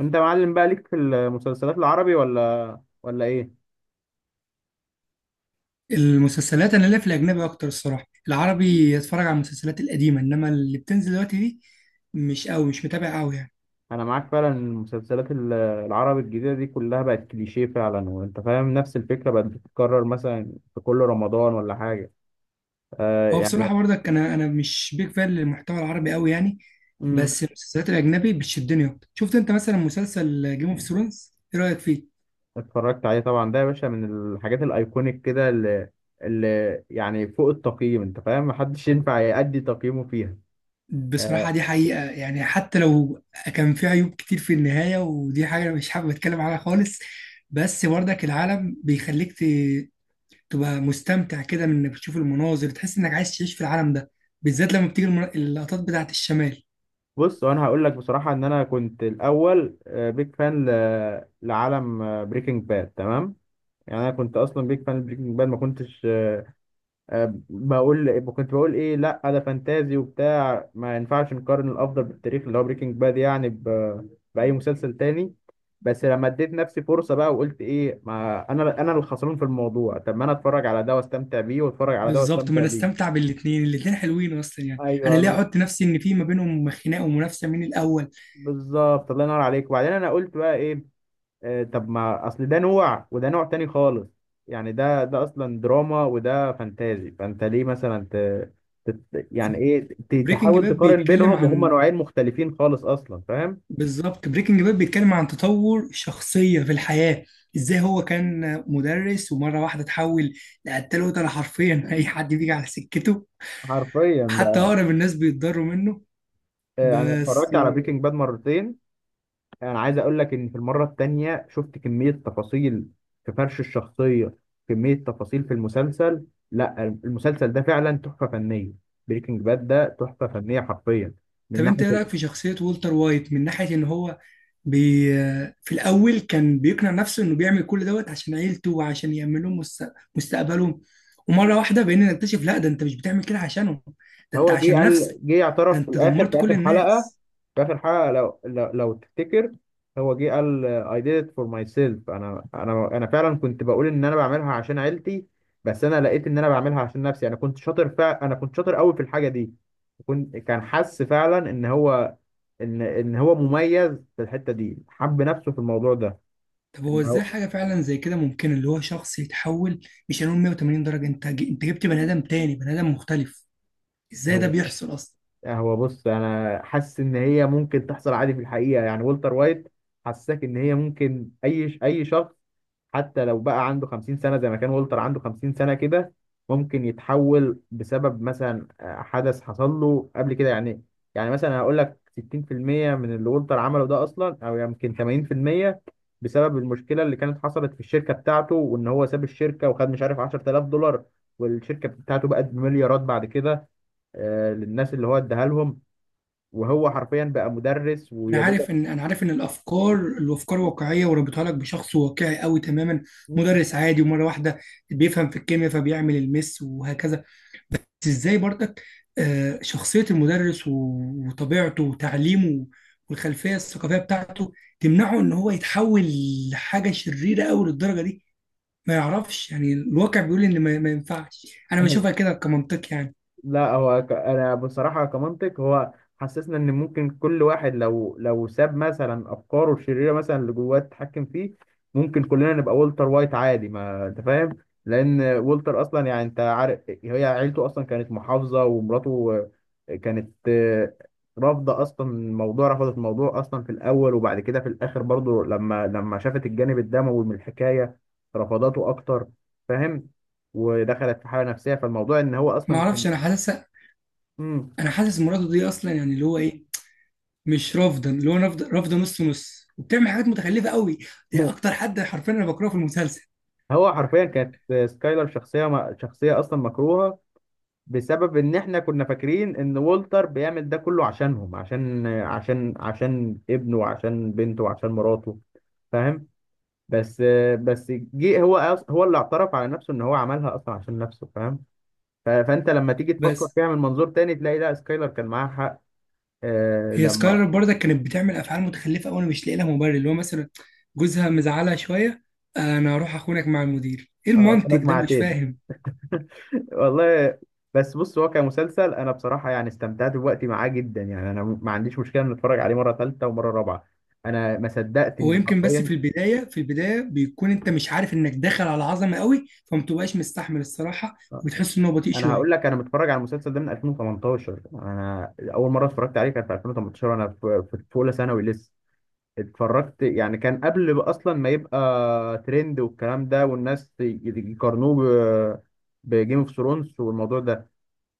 انت معلم بقى ليك في المسلسلات العربي ولا ايه؟ المسلسلات انا ليا في الاجنبي اكتر، الصراحه العربي اتفرج على المسلسلات القديمه، انما اللي بتنزل دلوقتي دي مش قوي، مش متابع قوي يعني. انا معاك فعلا إن المسلسلات العربي الجديده دي كلها بقت كليشيه فعلا وانت فاهم، نفس الفكره بقت بتتكرر مثلا في كل رمضان ولا حاجه. آه، هو يعني. بصراحه برضك انا مش بيك فان للمحتوى العربي قوي يعني. امم بس المسلسلات الاجنبي بتشدني اكتر. شفت انت مثلا مسلسل جيم اوف ثرونز؟ ايه رايك فيه؟ اتفرجت عليه طبعا، ده يا باشا من الحاجات الايكونيك كده، اللي يعني فوق التقييم، انت فاهم، محدش ينفع يأدي تقييمه فيها. بصراحه آه، دي حقيقه يعني، حتى لو كان فيه عيوب كتير في النهايه، ودي حاجه انا مش حابب اتكلم عنها خالص. بس برضك العالم بيخليك تبقى مستمتع كده، من انك بتشوف المناظر تحس انك عايز تعيش في العالم ده، بالذات لما بتيجي اللقطات بتاعت الشمال. بص، وانا هقول لك بصراحه ان انا كنت الاول بيج فان لعالم بريكنج باد، تمام. يعني انا كنت اصلا بيك فان بريكنج باد، ما كنتش آه، بقول إيه، كنت بقول ايه، لا ده فانتازي وبتاع، ما ينفعش نقارن الافضل بالتاريخ اللي هو بريكنج باد يعني باي مسلسل تاني. بس لما اديت نفسي فرصه بقى وقلت ايه، ما انا اللي خسران في الموضوع، طب ما انا اتفرج على ده واستمتع بيه واتفرج على ده بالظبط، ما واستمتع انا بيه. استمتع بالاتنين، الاتنين حلوين اصلا يعني. ايوه، انا ليه احط نفسي ان في ما بينهم خناقه ومنافسه مين الاول؟ بالظبط، الله ينور عليك. وبعدين انا قلت بقى ايه، طب ما اصل ده نوع وده نوع تاني خالص، يعني ده اصلا دراما وده فانتازي. فانت ليه مثلا ت... تت- يعني ايه ت- وبريكنج تحاول باد تقارن بيتكلم بينهم وهما عن... نوعين مختلفين خالص اصلا، فاهم. بالظبط، بريكنج باد بيتكلم عن تطور شخصيه في الحياه. ازاي هو كان مدرس ومره واحده اتحول لقتال، قتله حرفيا اي حد بيجي على سكته. حرفيا حتى بقى. اقرب الناس بيتضروا منه. انا بس. اتفرجت على بريكنج باد مرتين، انا عايز اقول لك ان في المره التانية شفت كميه تفاصيل في فرش الشخصيه، كميه تفاصيل في المسلسل. لا، المسلسل ده فعلا تحفه فنيه، بريكنج باد ده تحفه فنيه حرفيا من طب انت ناحيه. ايه رايك في شخصيه والتر وايت؟ من ناحيه ان هو... بي في الاول كان بيقنع نفسه انه بيعمل كل دوت عشان عيلته، وعشان يامن لهم مستقبلهم. ومره واحده بقينا نكتشف، لا ده انت مش بتعمل كده عشانهم، ده انت هو جه عشان قال، نفسك، جه ده اعترف في انت الاخر دمرت في كل اخر حلقه، الناس. في اخر حلقه لو تفتكر، هو جه قال I did it for myself، انا فعلا كنت بقول ان انا بعملها عشان عيلتي، بس انا لقيت ان انا بعملها عشان نفسي. انا كنت شاطر قوي في الحاجه دي، كان حس فعلا ان هو مميز في الحته دي، حب نفسه في الموضوع ده. طب هو ان ازاي هو حاجه فعلا زي كده ممكن، اللي هو شخص يتحول، مش هنقول 180 درجه، انت انت جبت بني ادم تاني، بني ادم مختلف. ازاي ده هو بيحصل اصلا؟ آه، هو بص، انا حاسس ان هي ممكن تحصل عادي في الحقيقه. يعني والتر وايت حسسك ان هي ممكن اي شخص حتى لو بقى عنده 50 سنه، زي ما كان والتر عنده 50 سنه كده، ممكن يتحول بسبب مثلا حدث حصل له قبل كده يعني. يعني مثلا هقول لك 60% من اللي والتر عمله ده اصلا، او يمكن 80%، بسبب المشكله اللي كانت حصلت في الشركه بتاعته وان هو ساب الشركه وخد مش عارف $10,000، والشركه بتاعته بقت بمليارات بعد كده، للناس اللي هو اداها لهم، وهو حرفيا بقى مدرس انا ويا عارف، دوبك. ان انا عارف ان الافكار واقعيه، وربطها لك بشخص واقعي قوي تماما. مدرس عادي، ومره واحده بيفهم في الكيمياء فبيعمل المس وهكذا. بس ازاي برضك شخصيه المدرس وطبيعته وتعليمه والخلفيه الثقافيه بتاعته تمنعه ان هو يتحول لحاجه شريره قوي للدرجه دي. ما يعرفش يعني، الواقع بيقول ان ما ينفعش. انا بشوفها كده كمنطق يعني. لا، هو انا بصراحه كمنطق، هو حسسنا ان ممكن كل واحد لو ساب مثلا افكاره الشريره، مثلا اللي جواه تتحكم فيه، ممكن كلنا نبقى والتر وايت عادي، ما انت فاهم. لان والتر اصلا، يعني انت عارف، هي عيلته اصلا كانت محافظه، ومراته كانت رافضه اصلا الموضوع، رفضت الموضوع اصلا في الاول، وبعد كده في الاخر برضه لما شافت الجانب الدموي من الحكايه رفضته اكتر، فاهم، ودخلت في حاله نفسيه. فالموضوع ان هو ما اصلا اعرفش، كان. انا حاسس... مم. انا حاسس مراته دي اصلا يعني اللي هو ايه، مش رافضا، اللي هو رافضه، رافضه نص نص، وبتعمل حاجات متخلفه قوي. دي اكتر حد حرفيا انا بكرهه في المسلسل. هو حرفيا كانت سكايلر شخصية أصلا مكروهة بسبب إن إحنا كنا فاكرين إن والتر بيعمل ده كله عشانهم، عشان ابنه وعشان بنته وعشان مراته، فاهم. بس، هو اللي اعترف على نفسه إن هو عملها أصلا عشان نفسه، فاهم. فأنت لما تيجي تفكر بس فيها من منظور تاني تلاقي لا، سكايلر كان معاها حق. آه هي سكايلر لما برضك كانت بتعمل افعال متخلفه قوي، انا مش لاقي لها مبرر، اللي هو مثلا جوزها مزعلها شويه، انا هروح اخونك مع المدير؟ ايه المنطق كانت ده، مع مش تيد. فاهم. والله. بس بص، هو كمسلسل انا بصراحه يعني استمتعت بوقتي معاه جدا، يعني انا ما عنديش مشكله ان اتفرج عليه مره ثالثه ومره رابعه. انا ما صدقت هو ان يمكن بس في حرفيا، البدايه، في البدايه بيكون انت مش عارف انك داخل على عظمه قوي، فمتبقاش مستحمل الصراحه، وبتحس ان هو بطيء انا هقول شويه. لك، انا متفرج على المسلسل ده من 2018، انا اول مره اتفرجت عليه كان في 2018، وانا في اولى ثانوي لسه. اتفرجت يعني، كان قبل بقى اصلا ما يبقى ترند والكلام ده والناس يقارنوه بجيم اوف ثرونز والموضوع ده.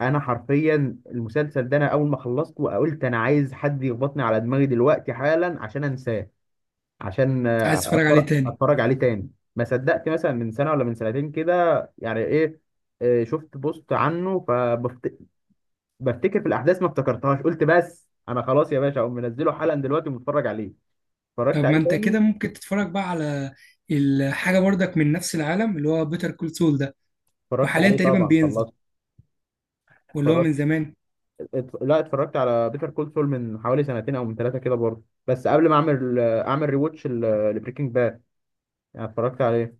انا حرفيا المسلسل ده، انا اول ما خلصته وقلت انا عايز حد يخبطني على دماغي دلوقتي حالا عشان انساه، عشان عايز تتفرج عليه تاني؟ اتفرج عليه تاني. ما صدقت مثلا من سنه ولا من سنتين كده، يعني ايه، شفت بوست عنه فبفتكر في الاحداث ما افتكرتهاش، قلت بس انا خلاص يا باشا، اقوم منزله حالا دلوقتي ومتفرج عليه، اتفرجت طب ما عليه انت تاني. كده ممكن تتفرج بقى على الحاجه برضك من نفس العالم، اللي هو بيتر كول سول، اتفرجت وحاليا عليه تقريبا طبعا، بينزل، خلصت، واللي هو من اتفرجت، زمان. لا اتفرجت على بيتر كول سول من حوالي سنتين او من ثلاثه كده برضه، بس قبل ما اعمل اعمل ريواتش لبريكنج، يعني اتفرجت عليه.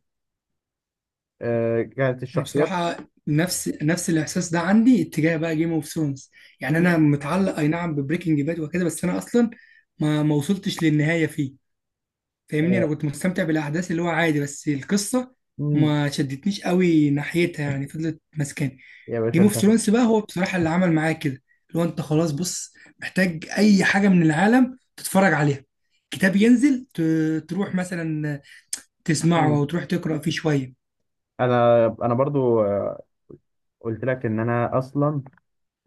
آه، كانت انا الشخصيات. بصراحه نفس الاحساس ده عندي اتجاه بقى جيم اوف ثرونز. يعني انا مم. متعلق اي نعم ببريكنج باد وكده، بس انا اصلا ما وصلتش للنهايه فيه. فاهمني؟ انا آه. كنت مستمتع بالاحداث اللي هو عادي، بس القصه مم. ما شدتنيش قوي ناحيتها يعني، فضلت ماسكاني. يا باشا جيم اوف انت. ثرونز بقى هو بصراحه اللي عمل معايا كده، اللي هو انت خلاص بص محتاج اي حاجه من العالم تتفرج عليها. كتاب ينزل تروح مثلا تسمعه، مم. او تروح تقرا فيه شويه. انا برضو، قلت لك ان انا اصلا،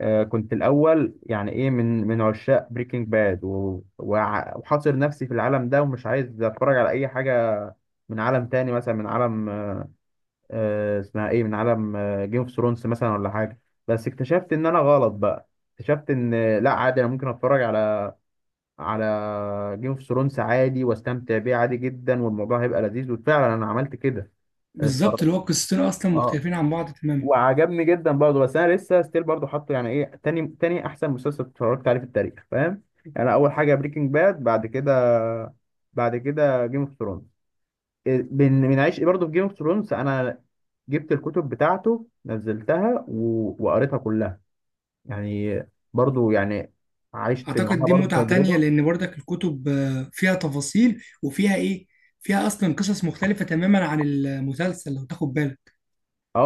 كنت الاول، يعني ايه، من عشاق بريكنج باد وحاصر نفسي في العالم ده، ومش عايز اتفرج على اي حاجه من عالم تاني، مثلا من عالم، اسمها ايه، من عالم جيم اوف ثرونز مثلا ولا حاجه. بس اكتشفت ان انا غلط بقى، اكتشفت ان لا، عادي، انا ممكن اتفرج على، على جيم اوف ثرونز عادي، واستمتع بيه عادي جدا، والموضوع هيبقى لذيذ، وفعلا انا عملت كده. بالظبط، اتفرج- اللي هو القصتين اصلا اه، مختلفين عن بعض تماما. وعجبني جدا برضه، بس انا لسه ستيل برضه حاطه، يعني ايه، تاني تاني احسن مسلسل اتفرجت عليه في التاريخ، فاهم. يعني اول حاجه بريكنج باد، بعد كده، بعد كده جيم اوف ثرونز. بنعيش ايه برضه في جيم اوف ثرونز، انا جبت الكتب بتاعته نزلتها وقريتها كلها، يعني، برضه يعني، عشت اعتقد معاها دي برضه متعة تانية، تجربه. لان برضك الكتب فيها تفاصيل وفيها ايه، فيها اصلا قصص مختلفة تماما عن المسلسل لو تاخد بالك.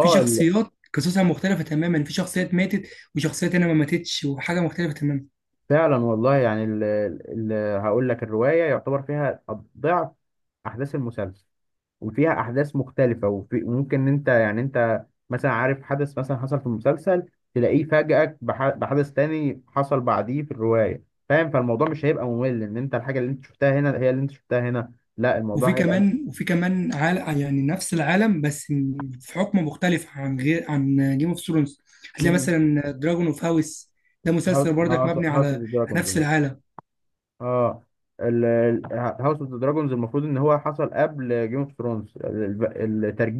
في شخصيات قصصها مختلفة تماما، في شخصيات ماتت، وشخصيات هنا ما ماتتش، وحاجة مختلفة تماما. فعلا والله. يعني ال ال هقول لك الرواية يعتبر فيها ضعف أحداث المسلسل، وفيها أحداث مختلفة، وفي، وممكن إن أنت يعني، أنت مثلا عارف حدث مثلا حصل في المسلسل تلاقيه فاجئك بحدث تاني حصل بعديه في الرواية، فاهم، فالموضوع مش هيبقى ممل إن أنت الحاجة اللي أنت شفتها هنا هي اللي أنت شفتها هنا، لا الموضوع هيبقى وفي كمان عال يعني، نفس العالم، بس في حكم مختلف، عن غير عن جيم اوف ثرونز. هتلاقي مثلا دراجون اوف هاوس، ده هاوس مسلسل برضك مبني اوف ذا على دراجونز. نفس العالم. اه، هاوس اوف ذا دراجونز المفروض ان هو حصل قبل جيم اوف ثرونز.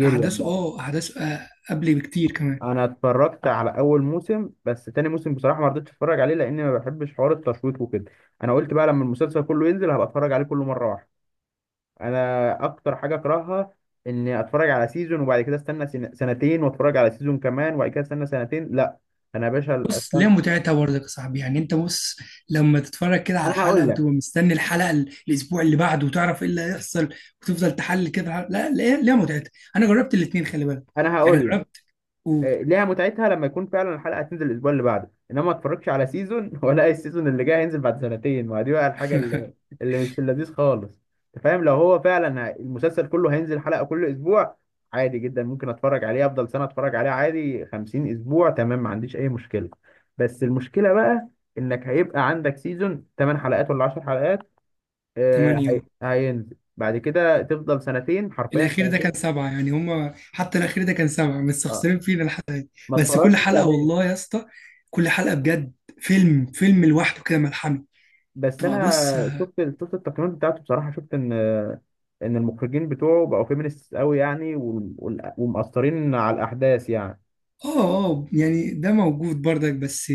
احداثه، اه احداثه قبل بكتير كمان. انا اتفرجت على اول موسم، بس تاني موسم بصراحه ما رضيتش اتفرج عليه لان ما بحبش حوار التشويق وكده، انا قلت بقى لما المسلسل كله ينزل هبقى اتفرج عليه كله مره واحده. انا اكتر حاجه اكرهها اني اتفرج على سيزون وبعد كده استنى سنتين واتفرج على سيزون كمان وبعد كده استنى سنتين، لا. انا يا باشا بص، ليها استنى. متعتها برضك يا صاحبي، يعني انت بص، لما تتفرج كده على انا هقول الحلقه لك، وتبقى مستني الحلقه الاسبوع اللي بعده، وتعرف ايه اللي هيحصل، وتفضل تحلل كده الحلقة. لا، ليها متعتها. انا جربت الاثنين، خلي بالك، انا يعني هقول لك، جربت. قول. ليها متعتها لما يكون فعلا الحلقه هتنزل الاسبوع اللي بعده، انما ما اتفرجش على سيزون ولا السيزون اللي جاي هينزل بعد سنتين، ما دي بقى الحاجه اللي مش في اللذيذ خالص. انت فاهم لو هو فعلا المسلسل كله هينزل حلقه كل اسبوع عادي جدا، ممكن اتفرج عليه افضل سنه، اتفرج عليه عادي 50 اسبوع، تمام، ما عنديش اي مشكله. بس المشكله بقى انك هيبقى عندك سيزون 8 حلقات ولا 10 حلقات، ثمانية، هينزل بعد كده، تفضل سنتين، حرفيا الاخير ده سنتين. كان سبعة. يعني هما حتى الاخير ده كان سبعة، اه، مستخسرين فينا لحد. ما بس كل اتفرجتش حلقه عليه. والله يا اسطى، كل حلقه بجد فيلم، فيلم لوحده كده ملحمه. بس تبقى بص، انا اه. شفت التقييمات بتاعته بصراحه، شفت ان المخرجين بتوعه بقوا فيمينيست قوي يعني، ومأثرين على الاحداث يعني. اه، يعني ده موجود برضك، بس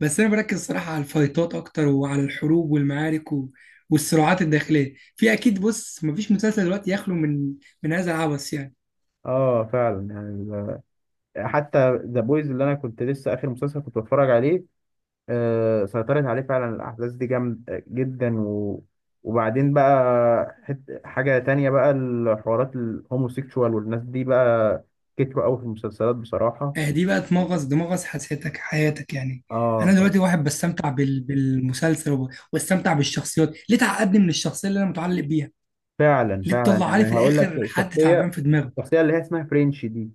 انا بركز صراحه على الفايتات اكتر، وعلى الحروب والمعارك والصراعات الداخليه. في اكيد، بص مفيش مسلسل دلوقتي يخلو من هذا العبث يعني. اه فعلا يعني، حتى ذا بويز اللي انا كنت لسه اخر مسلسل كنت بتفرج عليه، آه سيطرت عليه فعلا الاحداث دي جامد جدا، و، وبعدين بقى حاجه تانية بقى، الحوارات الهوموسيكشوال والناس دي بقى كتروا قوي في المسلسلات بصراحه. آه دي بقى تمغص دمغص حياتك، حياتك يعني. انا اه دلوقتي واحد بستمتع بالمسلسل، واستمتع بالشخصيات، ليه تعقدني من الشخصيه اللي انا متعلق بيها؟ فعلا ليه فعلا، تطلع لي يعني في هقول الاخر لك حد تعبان شخصيه، في دماغه؟ الشخصية اللي هي اسمها فرينش دي،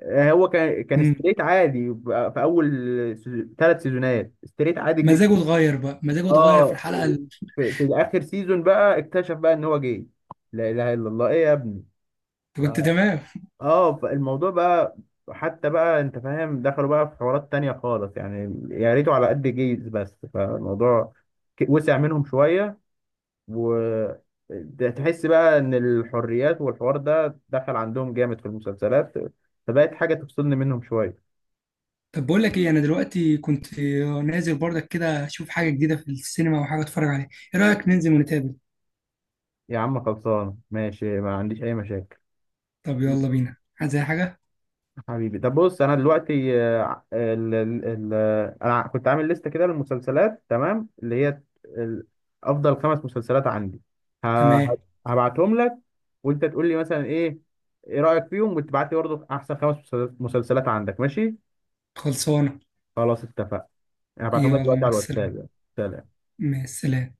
هو كان امم ستريت عادي في أول ثلاث سيزونات ستريت عادي جدا. مزاجه اتغير بقى، مزاجه اتغير في اه الحلقه اللي... في آخر سيزون بقى اكتشف بقى إن هو جاي، لا إله إلا الله، إيه يا ابني. ف- كنت تمام. اه فالموضوع بقى حتى بقى، انت فاهم، دخلوا بقى في حوارات تانية خالص يعني، يا ريته على قد جيز بس، فالموضوع وسع منهم شوية، و، ده تحس بقى ان الحريات والحوار ده دخل عندهم جامد في المسلسلات، فبقت حاجه تفصلني منهم شويه. طب بقول لك ايه، انا دلوقتي كنت نازل برضك كده اشوف حاجه جديده في السينما وحاجه اتفرج عليها. ايه رايك ننزل ونتقابل؟ يا عم خلصان ماشي، ما عنديش اي مشاكل. طب يلا بينا. عايز اي حاجه؟ حبيبي طب بص، انا دلوقتي آه، ال ال ال انا كنت عامل لستة كده للمسلسلات تمام، اللي هي افضل خمس مسلسلات عندي، ه- ه- تمام، هبعتهم لك، وانت تقول لي مثلا ايه، ايه رأيك فيهم، وتبعت لي برضه احسن خمس مسلسلات مسلسلات عندك، ماشي. خلصانه. خلاص اتفقنا، انا بعتهم لك يلا دلوقتي مع على السلامه. الواتساب يعني. سلام. مع السلامه.